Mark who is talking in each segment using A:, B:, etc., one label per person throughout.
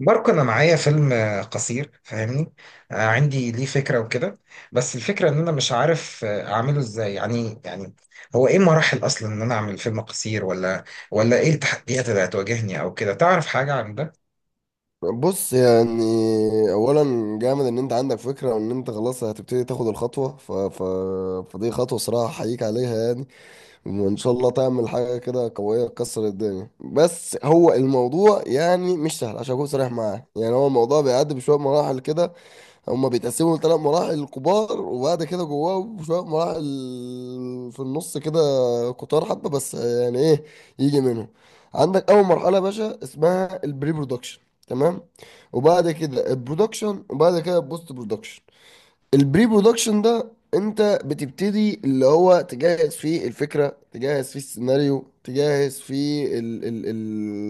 A: ماركو، انا معايا فيلم قصير، فاهمني. عندي ليه فكره وكده. بس الفكره ان انا مش عارف اعمله ازاي يعني هو ايه مراحل اصلا ان انا اعمل فيلم قصير؟ ولا ايه التحديات اللي هتواجهني او كده؟ تعرف حاجه عن ده؟
B: بص، يعني اولا جامد ان انت عندك فكره وان انت خلاص هتبتدي تاخد الخطوه فدي خطوه صراحه احييك عليها يعني. وان شاء الله تعمل حاجه كده قويه تكسر الدنيا، بس هو الموضوع يعني مش سهل عشان اكون صريح معاك، يعني هو الموضوع بيعدي بشويه مراحل كده. هما بيتقسموا لثلاث مراحل كبار، وبعد كده جواه شوية مراحل في النص كده كتار حبة، بس يعني ايه يجي منهم. عندك أول مرحلة يا باشا اسمها البري برودكشن، تمام. وبعد كده البرودكشن، وبعد كده البوست برودكشن. البري برودكشن ده انت بتبتدي اللي هو تجهز فيه الفكرة، تجهز فيه السيناريو، تجهز فيه ال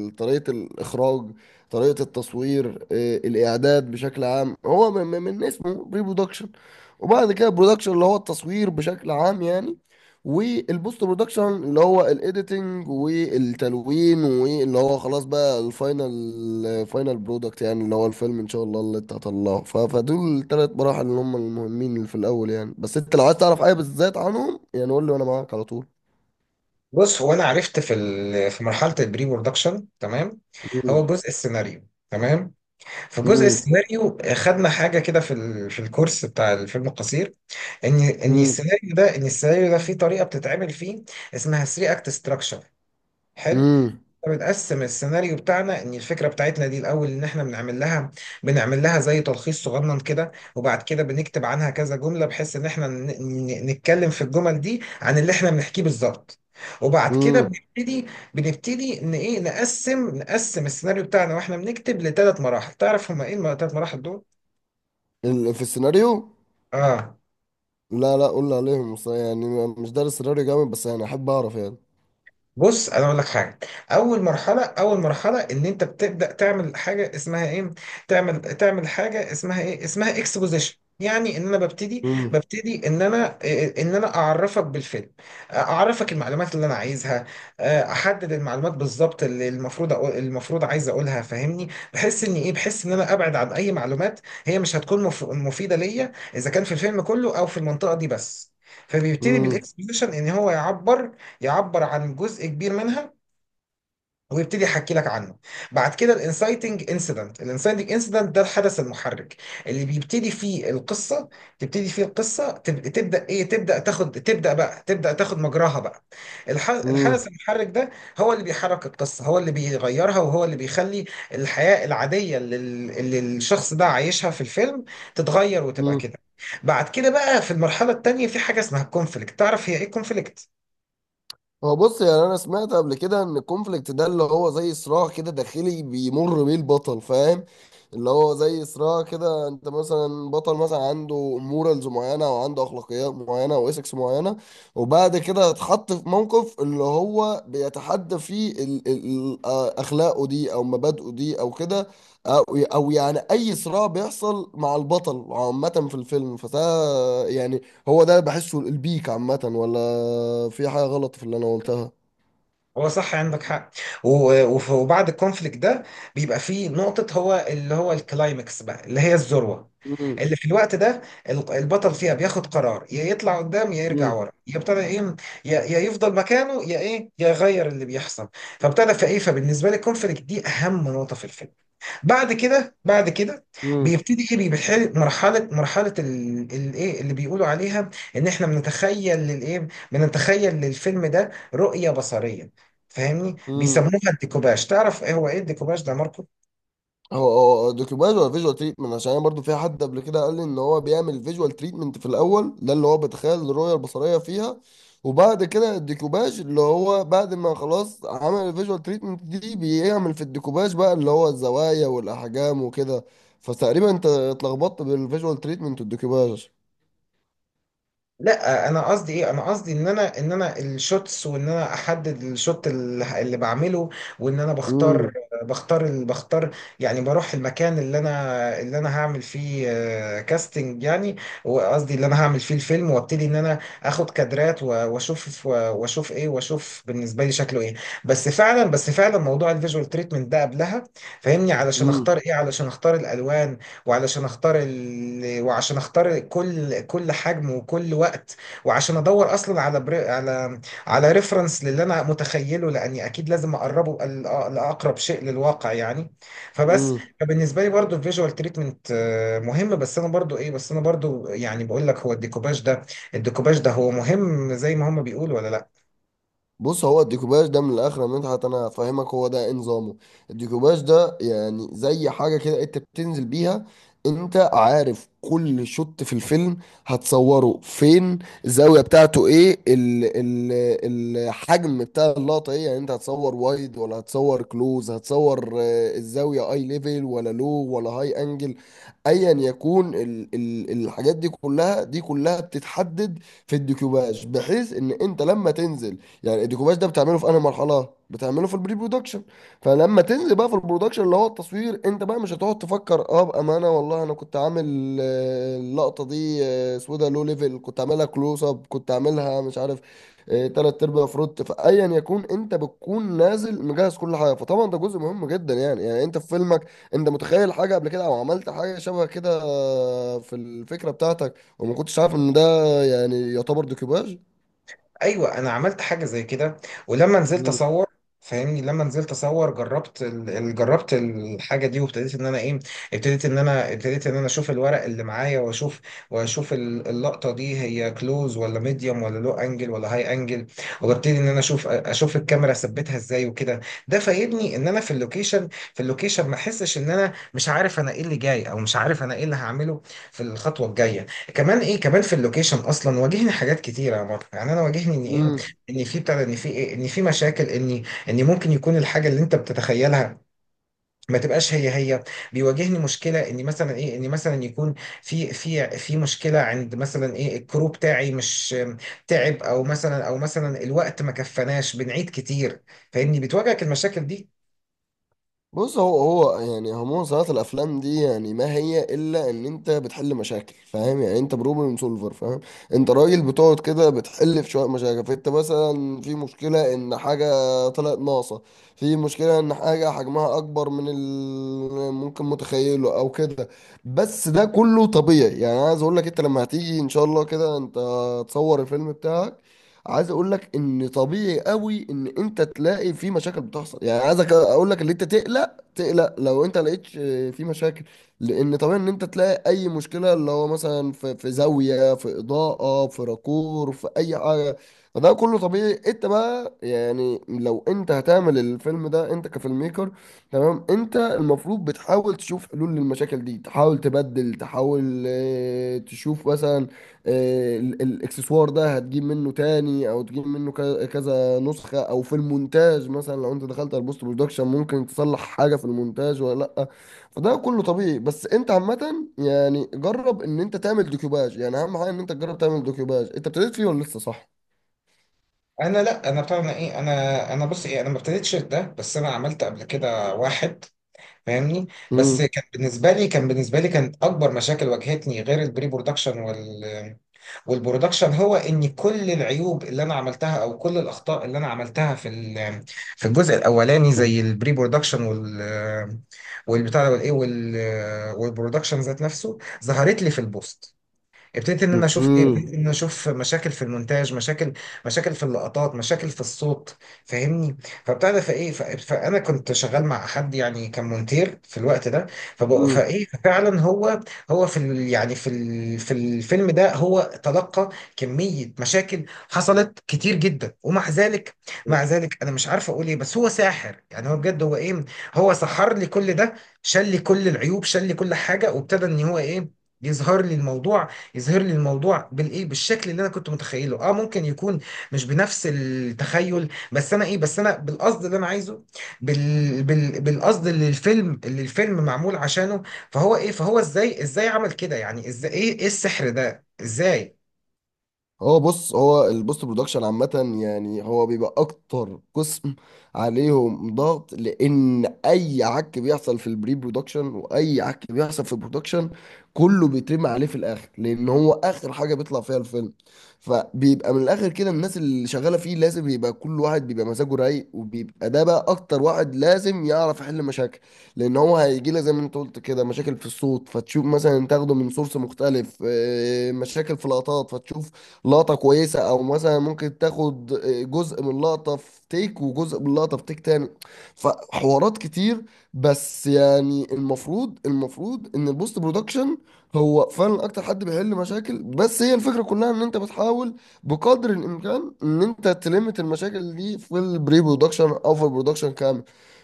B: ال طريقة الإخراج، طريقة التصوير، الإعداد بشكل عام. هو من اسمه بري برودكشن. وبعد كده برودكشن اللي هو التصوير بشكل عام يعني. والبوست برودكشن اللي هو الايديتنج والتلوين، واللي هو خلاص بقى الفاينل فاينل برودكت يعني اللي هو الفيلم ان شاء الله اللي انت هتطلعه. فدول الثلاث مراحل اللي هم المهمين اللي في الاول يعني. بس انت لو عايز تعرف حاجه بالذات عنهم يعني قول لي وانا معاك على طول.
A: بص، هو انا عرفت في في مرحله البري برودكشن، تمام. هو
B: مم.
A: جزء السيناريو، تمام. في جزء
B: مم.
A: السيناريو خدنا حاجه كده في في الكورس بتاع الفيلم القصير. ان ان
B: مم.
A: السيناريو ده ان السيناريو ده فيه طريقه بتتعمل فيه، اسمها 3 اكت ستراكشر، حلو.
B: مم.
A: فبنقسم السيناريو بتاعنا، ان الفكره بتاعتنا دي الاول، ان احنا بنعمل لها زي تلخيص صغنن كده. وبعد كده بنكتب عنها كذا جمله، بحيث ان احنا نتكلم في الجمل دي عن اللي احنا بنحكيه بالظبط. وبعد كده
B: مم.
A: بنبتدي، ان ايه، نقسم السيناريو بتاعنا واحنا بنكتب لثلاث مراحل. تعرف هما ايه الثلاث مراحل دول؟
B: في السيناريو.
A: اه.
B: لا لا، قول لي عليهم، بس يعني مش دارس السيناريو جامد، بس يعني احب اعرف يعني.
A: بص، انا اقول لك حاجه. اول مرحله ان انت بتبدا تعمل حاجه اسمها ايه، تعمل حاجه اسمها ايه، اسمها اكسبوزيشن. يعني ان انا ببتدي،
B: مم.
A: ان انا ان انا اعرفك بالفيلم، اعرفك المعلومات اللي انا عايزها. احدد المعلومات بالظبط اللي المفروض أقول، المفروض عايز اقولها، فاهمني. بحس ان ايه، بحس ان انا ابعد عن اي معلومات هي مش هتكون مفيده ليا، اذا كان في الفيلم كله او في المنطقه دي بس. فبيبتدي بالاكسبوزيشن ان هو يعبر، عن جزء كبير منها، ويبتدي يحكي لك عنه. بعد كده الانسايتنج انسيدنت، ده الحدث المحرك اللي بيبتدي فيه القصه، تبتدي فيه القصه، تبدا تاخد مجراها بقى.
B: مم.
A: الحدث المحرك ده هو اللي بيحرك القصه، هو اللي بيغيرها، وهو اللي بيخلي الحياه العاديه اللي، الشخص ده عايشها في الفيلم، تتغير وتبقى
B: مم.
A: كده. بعد كده بقى، في المرحله التانيه، في حاجه اسمها الكونفليكت. تعرف هي ايه الكونفليكت؟
B: هو بص، يعني انا سمعت قبل كده ان الكونفليكت ده اللي هو زي صراع كده داخلي بيمر بيه البطل، فاهم. اللي هو زي صراع كده، انت مثلا بطل مثلا عنده مورالز معينه او عنده اخلاقيات معينه او اسكس معينه، وبعد كده اتحط في موقف اللي هو بيتحدى فيه ال ال- اخلاقه دي او مبادئه دي او كده، او او يعني اي صراع بيحصل مع البطل عامه في الفيلم فده يعني. هو ده بحسه البيك عامة، ولا في حاجة غلط في اللي أنا قلتها؟
A: هو صح، عندك حق. وبعد الكونفليكت ده، بيبقى فيه نقطة، هو اللي هو الكلايمكس بقى، اللي هي الذروة،
B: مم.
A: اللي في الوقت ده البطل فيها بياخد قرار. يا يطلع قدام، يا يرجع
B: مم.
A: ورا، يبتدى ايه، يا يفضل مكانه، يا ايه، يا يغير اللي بيحصل. فابتدى فايه، فبالنسبة لي الكونفليكت دي أهم نقطة في الفيلم. بعد كده
B: مم.
A: بيبتدي ايه، بيحل مرحله، الايه اللي بيقولوا عليها، ان احنا بنتخيل للايه، بنتخيل للفيلم ده رؤيه بصريه، فاهمني. بيسموها
B: مم.
A: الديكوباج. تعرف ايه هو، ايه الديكوباج ده يا ماركو؟
B: هو دوكيوباج ولا فيجوال تريتمنت؟ عشان أنا برضو في حد قبل كده قال لي إن هو بيعمل فيجوال تريتمنت في الأول ده، اللي هو بيتخيل الرؤية البصرية فيها، وبعد كده الديكوباج اللي هو بعد ما خلاص عمل الفيجوال تريتمنت دي بيعمل في الديكوباج بقى، اللي هو الزوايا والأحجام وكده. فتقريبا أنت اتلخبطت بالفيجوال تريتمنت والديكوباج.
A: لا، انا قصدي ايه، انا قصدي ان انا الشوتس، وان انا احدد الشوت اللي بعمله، وان انا بختار،
B: مم.
A: بختار. يعني بروح المكان اللي انا هعمل فيه كاستنج يعني، وقصدي اللي انا هعمل فيه الفيلم، وابتدي ان انا اخد كادرات، واشوف و- واشوف ايه، واشوف بالنسبه لي شكله ايه. بس فعلا موضوع الفيجوال تريتمنت ده قبلها، فاهمني، علشان اختار ايه، علشان اختار الالوان، وعلشان اختار وعشان اختار كل حجم وكل وقت، وعشان ادور اصلا على على على ريفرنس للي انا متخيله، لاني اكيد لازم اقربه لاقرب شيء للواقع يعني. فبس.
B: مم.
A: فبالنسبه لي برضو الفيجوال تريتمنت مهم. بس انا برضو ايه، بس انا برضو يعني بقول لك هو الديكوباج ده، الديكوباج ده هو مهم زي ما هم بيقولوا ولا لا؟
B: بص، هو الديكوباج ده من الاخر يا مدحت انا هفهمك، هو ده إيه نظامه. الديكوباج ده يعني زي حاجه كده انت بتنزل بيها، انت عارف كل شوت في الفيلم هتصوره فين، الزاويه بتاعته ايه، ال الحجم بتاع اللقطه ايه، يعني انت هتصور وايد ولا هتصور كلوز، هتصور الزاويه اي ليفل ولا لو ولا هاي انجل. ايا يكون ال الحاجات دي كلها بتتحدد في الديكوباج، بحيث ان انت لما تنزل. يعني الديكوباج ده بتعمله في انهي مرحله؟ بتعمله في البري برودكشن. فلما تنزل بقى في البرودكشن اللي هو التصوير، انت بقى مش هتقعد تفكر اه بامانه والله انا كنت عامل اللقطه دي سودا لو ليفل، كنت عاملها كلوز اب، كنت عاملها مش عارف تلات ارباع فروت. فايا يكون انت بتكون نازل مجهز كل حاجه، فطبعا ده جزء مهم جدا يعني. يعني انت في فيلمك انت متخيل حاجه قبل كده او عملت حاجه شبه كده في الفكره بتاعتك، وما كنتش عارف ان ده يعني يعتبر ديكوباج؟
A: ايوه، انا عملت حاجه زي كده، ولما نزلت
B: مم.
A: اصور، فاهمني، لما نزلت اصور جربت جربت الحاجه دي، وابتديت ان انا ايه، ابتديت ان انا ابتديت ان انا اشوف الورق اللي معايا، واشوف، واشوف اللقطه دي هي كلوز ولا ميديوم ولا لو انجل ولا هاي انجل، وابتدي ان انا اشوف، الكاميرا اثبتها ازاي وكده. ده فايدني ان انا في اللوكيشن، ما احسش ان انا مش عارف انا ايه اللي جاي، او مش عارف انا ايه اللي هعمله في الخطوه الجايه. كمان ايه، كمان في اللوكيشن اصلا واجهني حاجات كتيره يا مارك. يعني انا واجهني ان ايه،
B: مم.
A: ان في بتاع ده، ان في إيه؟ ان في مشاكل، ان ممكن يكون الحاجه اللي انت بتتخيلها ما تبقاش هي هي. بيواجهني مشكله ان مثلا ايه، ان مثلا يكون في مشكله عند مثلا ايه، الكرو بتاعي مش تعب، او مثلا، الوقت ما كفناش، بنعيد كتير. فاني بتواجهك المشاكل دي.
B: بص، هو يعني عموما صناعة الأفلام دي يعني ما هي إلا إن أنت بتحل مشاكل، فاهم يعني. أنت بروبلم سولفر، فاهم. أنت راجل بتقعد كده بتحل في شوية مشاكل. فأنت مثلا في مشكلة إن حاجة طلعت ناقصة، في مشكلة إن حاجة حجمها أكبر من ال ممكن متخيله أو كده. بس ده كله طبيعي يعني. أنا عايز أقول لك أنت لما هتيجي إن شاء الله كده أنت تصور الفيلم بتاعك، عايز اقول لك ان طبيعي قوي ان انت تلاقي في مشاكل بتحصل، يعني عايزك اقول لك ان انت تقلق. تقلق لو انت لقيت في مشاكل، لان طبيعي ان انت تلاقي اي مشكله اللي هو مثلا في زاويه، في اضاءه، في راكور، في اي حاجه. فده كله طبيعي. انت بقى يعني لو انت هتعمل الفيلم ده انت كفيلم ميكر، تمام، انت المفروض بتحاول تشوف حلول للمشاكل دي، تحاول تبدل، تحاول تشوف مثلا الاكسسوار ده هتجيب منه تاني او تجيب منه كذا نسخة، او في المونتاج مثلا لو انت دخلت على البوست برودكشن ممكن تصلح حاجة في المونتاج ولا لا. فده كله طبيعي. بس انت عامة يعني جرب ان انت تعمل دوكيوباج، يعني اهم حاجة ان انت تجرب تعمل دوكيوباج. انت ابتديت فيه ولا لسه صح؟
A: انا لا، انا بتاع، انا ايه، انا بص ايه، انا ما ابتديتش ده، بس انا عملت قبل كده واحد، فاهمني. بس
B: امم
A: كان بالنسبه لي كانت اكبر مشاكل واجهتني، غير البري برودكشن والبرودكشن، هو ان كل العيوب اللي انا عملتها، او كل الاخطاء اللي انا عملتها في في الجزء الاولاني زي البري برودكشن والبتاع ده والايه والبرودكشن ذات نفسه، ظهرت لي في البوست. ابتديت ان انا اشوف ايه، ابتديت ان انا اشوف مشاكل في المونتاج، مشاكل، في اللقطات، مشاكل في الصوت، فاهمني. فبتاع ده فايه، فانا كنت شغال مع حد يعني، كان مونتير في الوقت ده.
B: امم
A: فايه، فعلا هو، هو في ال، يعني في الفيلم ده، هو تلقى كمية مشاكل حصلت كتير جدا. ومع ذلك، مع ذلك انا مش عارف اقول ايه، بس هو ساحر يعني، هو بجد هو ايه، هو سحر لي كل ده. شال لي كل العيوب، شال لي كل حاجة، وابتدى ان هو ايه يظهر لي الموضوع، بالايه، بالشكل اللي انا كنت متخيله، اه، ممكن يكون مش بنفس التخيل. بس انا ايه، بس انا بالقصد اللي انا عايزه، بالقصد اللي الفيلم، معمول عشانه. فهو ايه، فهو ازاي، عمل كده يعني؟ ازاي، ايه، السحر ده ازاي؟
B: هو بص، هو البوست برودكشن عامة يعني هو بيبقى أكتر قسم عليهم ضغط، لأن أي عك بيحصل في البري برودكشن وأي عك بيحصل في البرودكشن كله بيترمي عليه في الآخر، لأن هو آخر حاجة بيطلع فيها الفيلم. فبيبقى من الآخر كده الناس اللي شغالة فيه لازم يبقى كل واحد بيبقى مزاجه رايق، وبيبقى ده بقى أكتر واحد لازم يعرف يحل مشاكل. لأن هو هيجي لك زي ما أنت قلت كده مشاكل في الصوت فتشوف مثلا تاخده من سورس مختلف، مشاكل في لقطات فتشوف لقطة كويسة، او مثلا ممكن تاخد جزء من لقطة في تيك وجزء من لقطة في تيك تاني، فحوارات كتير. بس يعني المفروض ان البوست برودكشن هو فعلا اكتر حد بيحل مشاكل، بس هي الفكرة كلها ان انت بتحاول بقدر الامكان ان انت تلمت المشاكل دي في البري برودكشن او في البرودكشن كامل.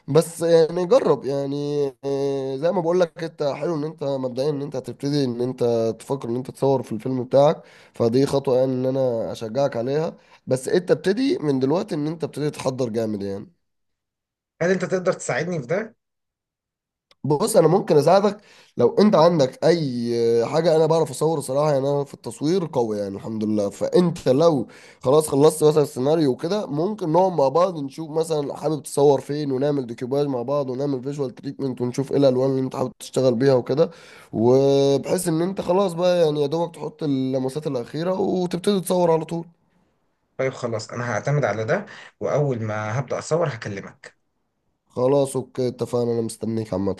B: بس يعني جرب، يعني زي ما بقول لك انت حلو ان انت مبدئيا ان انت هتبتدي ان انت تفكر ان انت تصور في الفيلم بتاعك. فدي خطوة يعني ان انا اشجعك عليها. بس انت ابتدي من دلوقتي ان انت ابتدي تحضر جامد يعني.
A: هل انت تقدر تساعدني في ده؟
B: بص، انا ممكن اساعدك، لو انت عندك اي حاجة انا بعرف اصور صراحة يعني، انا في التصوير قوي يعني الحمد لله. فانت لو خلاص خلصت مثلا السيناريو وكده ممكن نقعد مع بعض نشوف مثلا حابب تصور فين، ونعمل ديكوباج مع بعض ونعمل فيجوال تريتمنت ونشوف ايه الالوان اللي انت حابب تشتغل بيها وكده. وبحيث ان انت خلاص بقى يعني يا دوبك تحط اللمسات الاخيرة وتبتدي تصور على طول.
A: طيب خلاص، انا هعتمد على ده، واول ما هبدأ اصور هكلمك.
B: خلاص اوكي، اتفقنا، انا مستنيك عامة.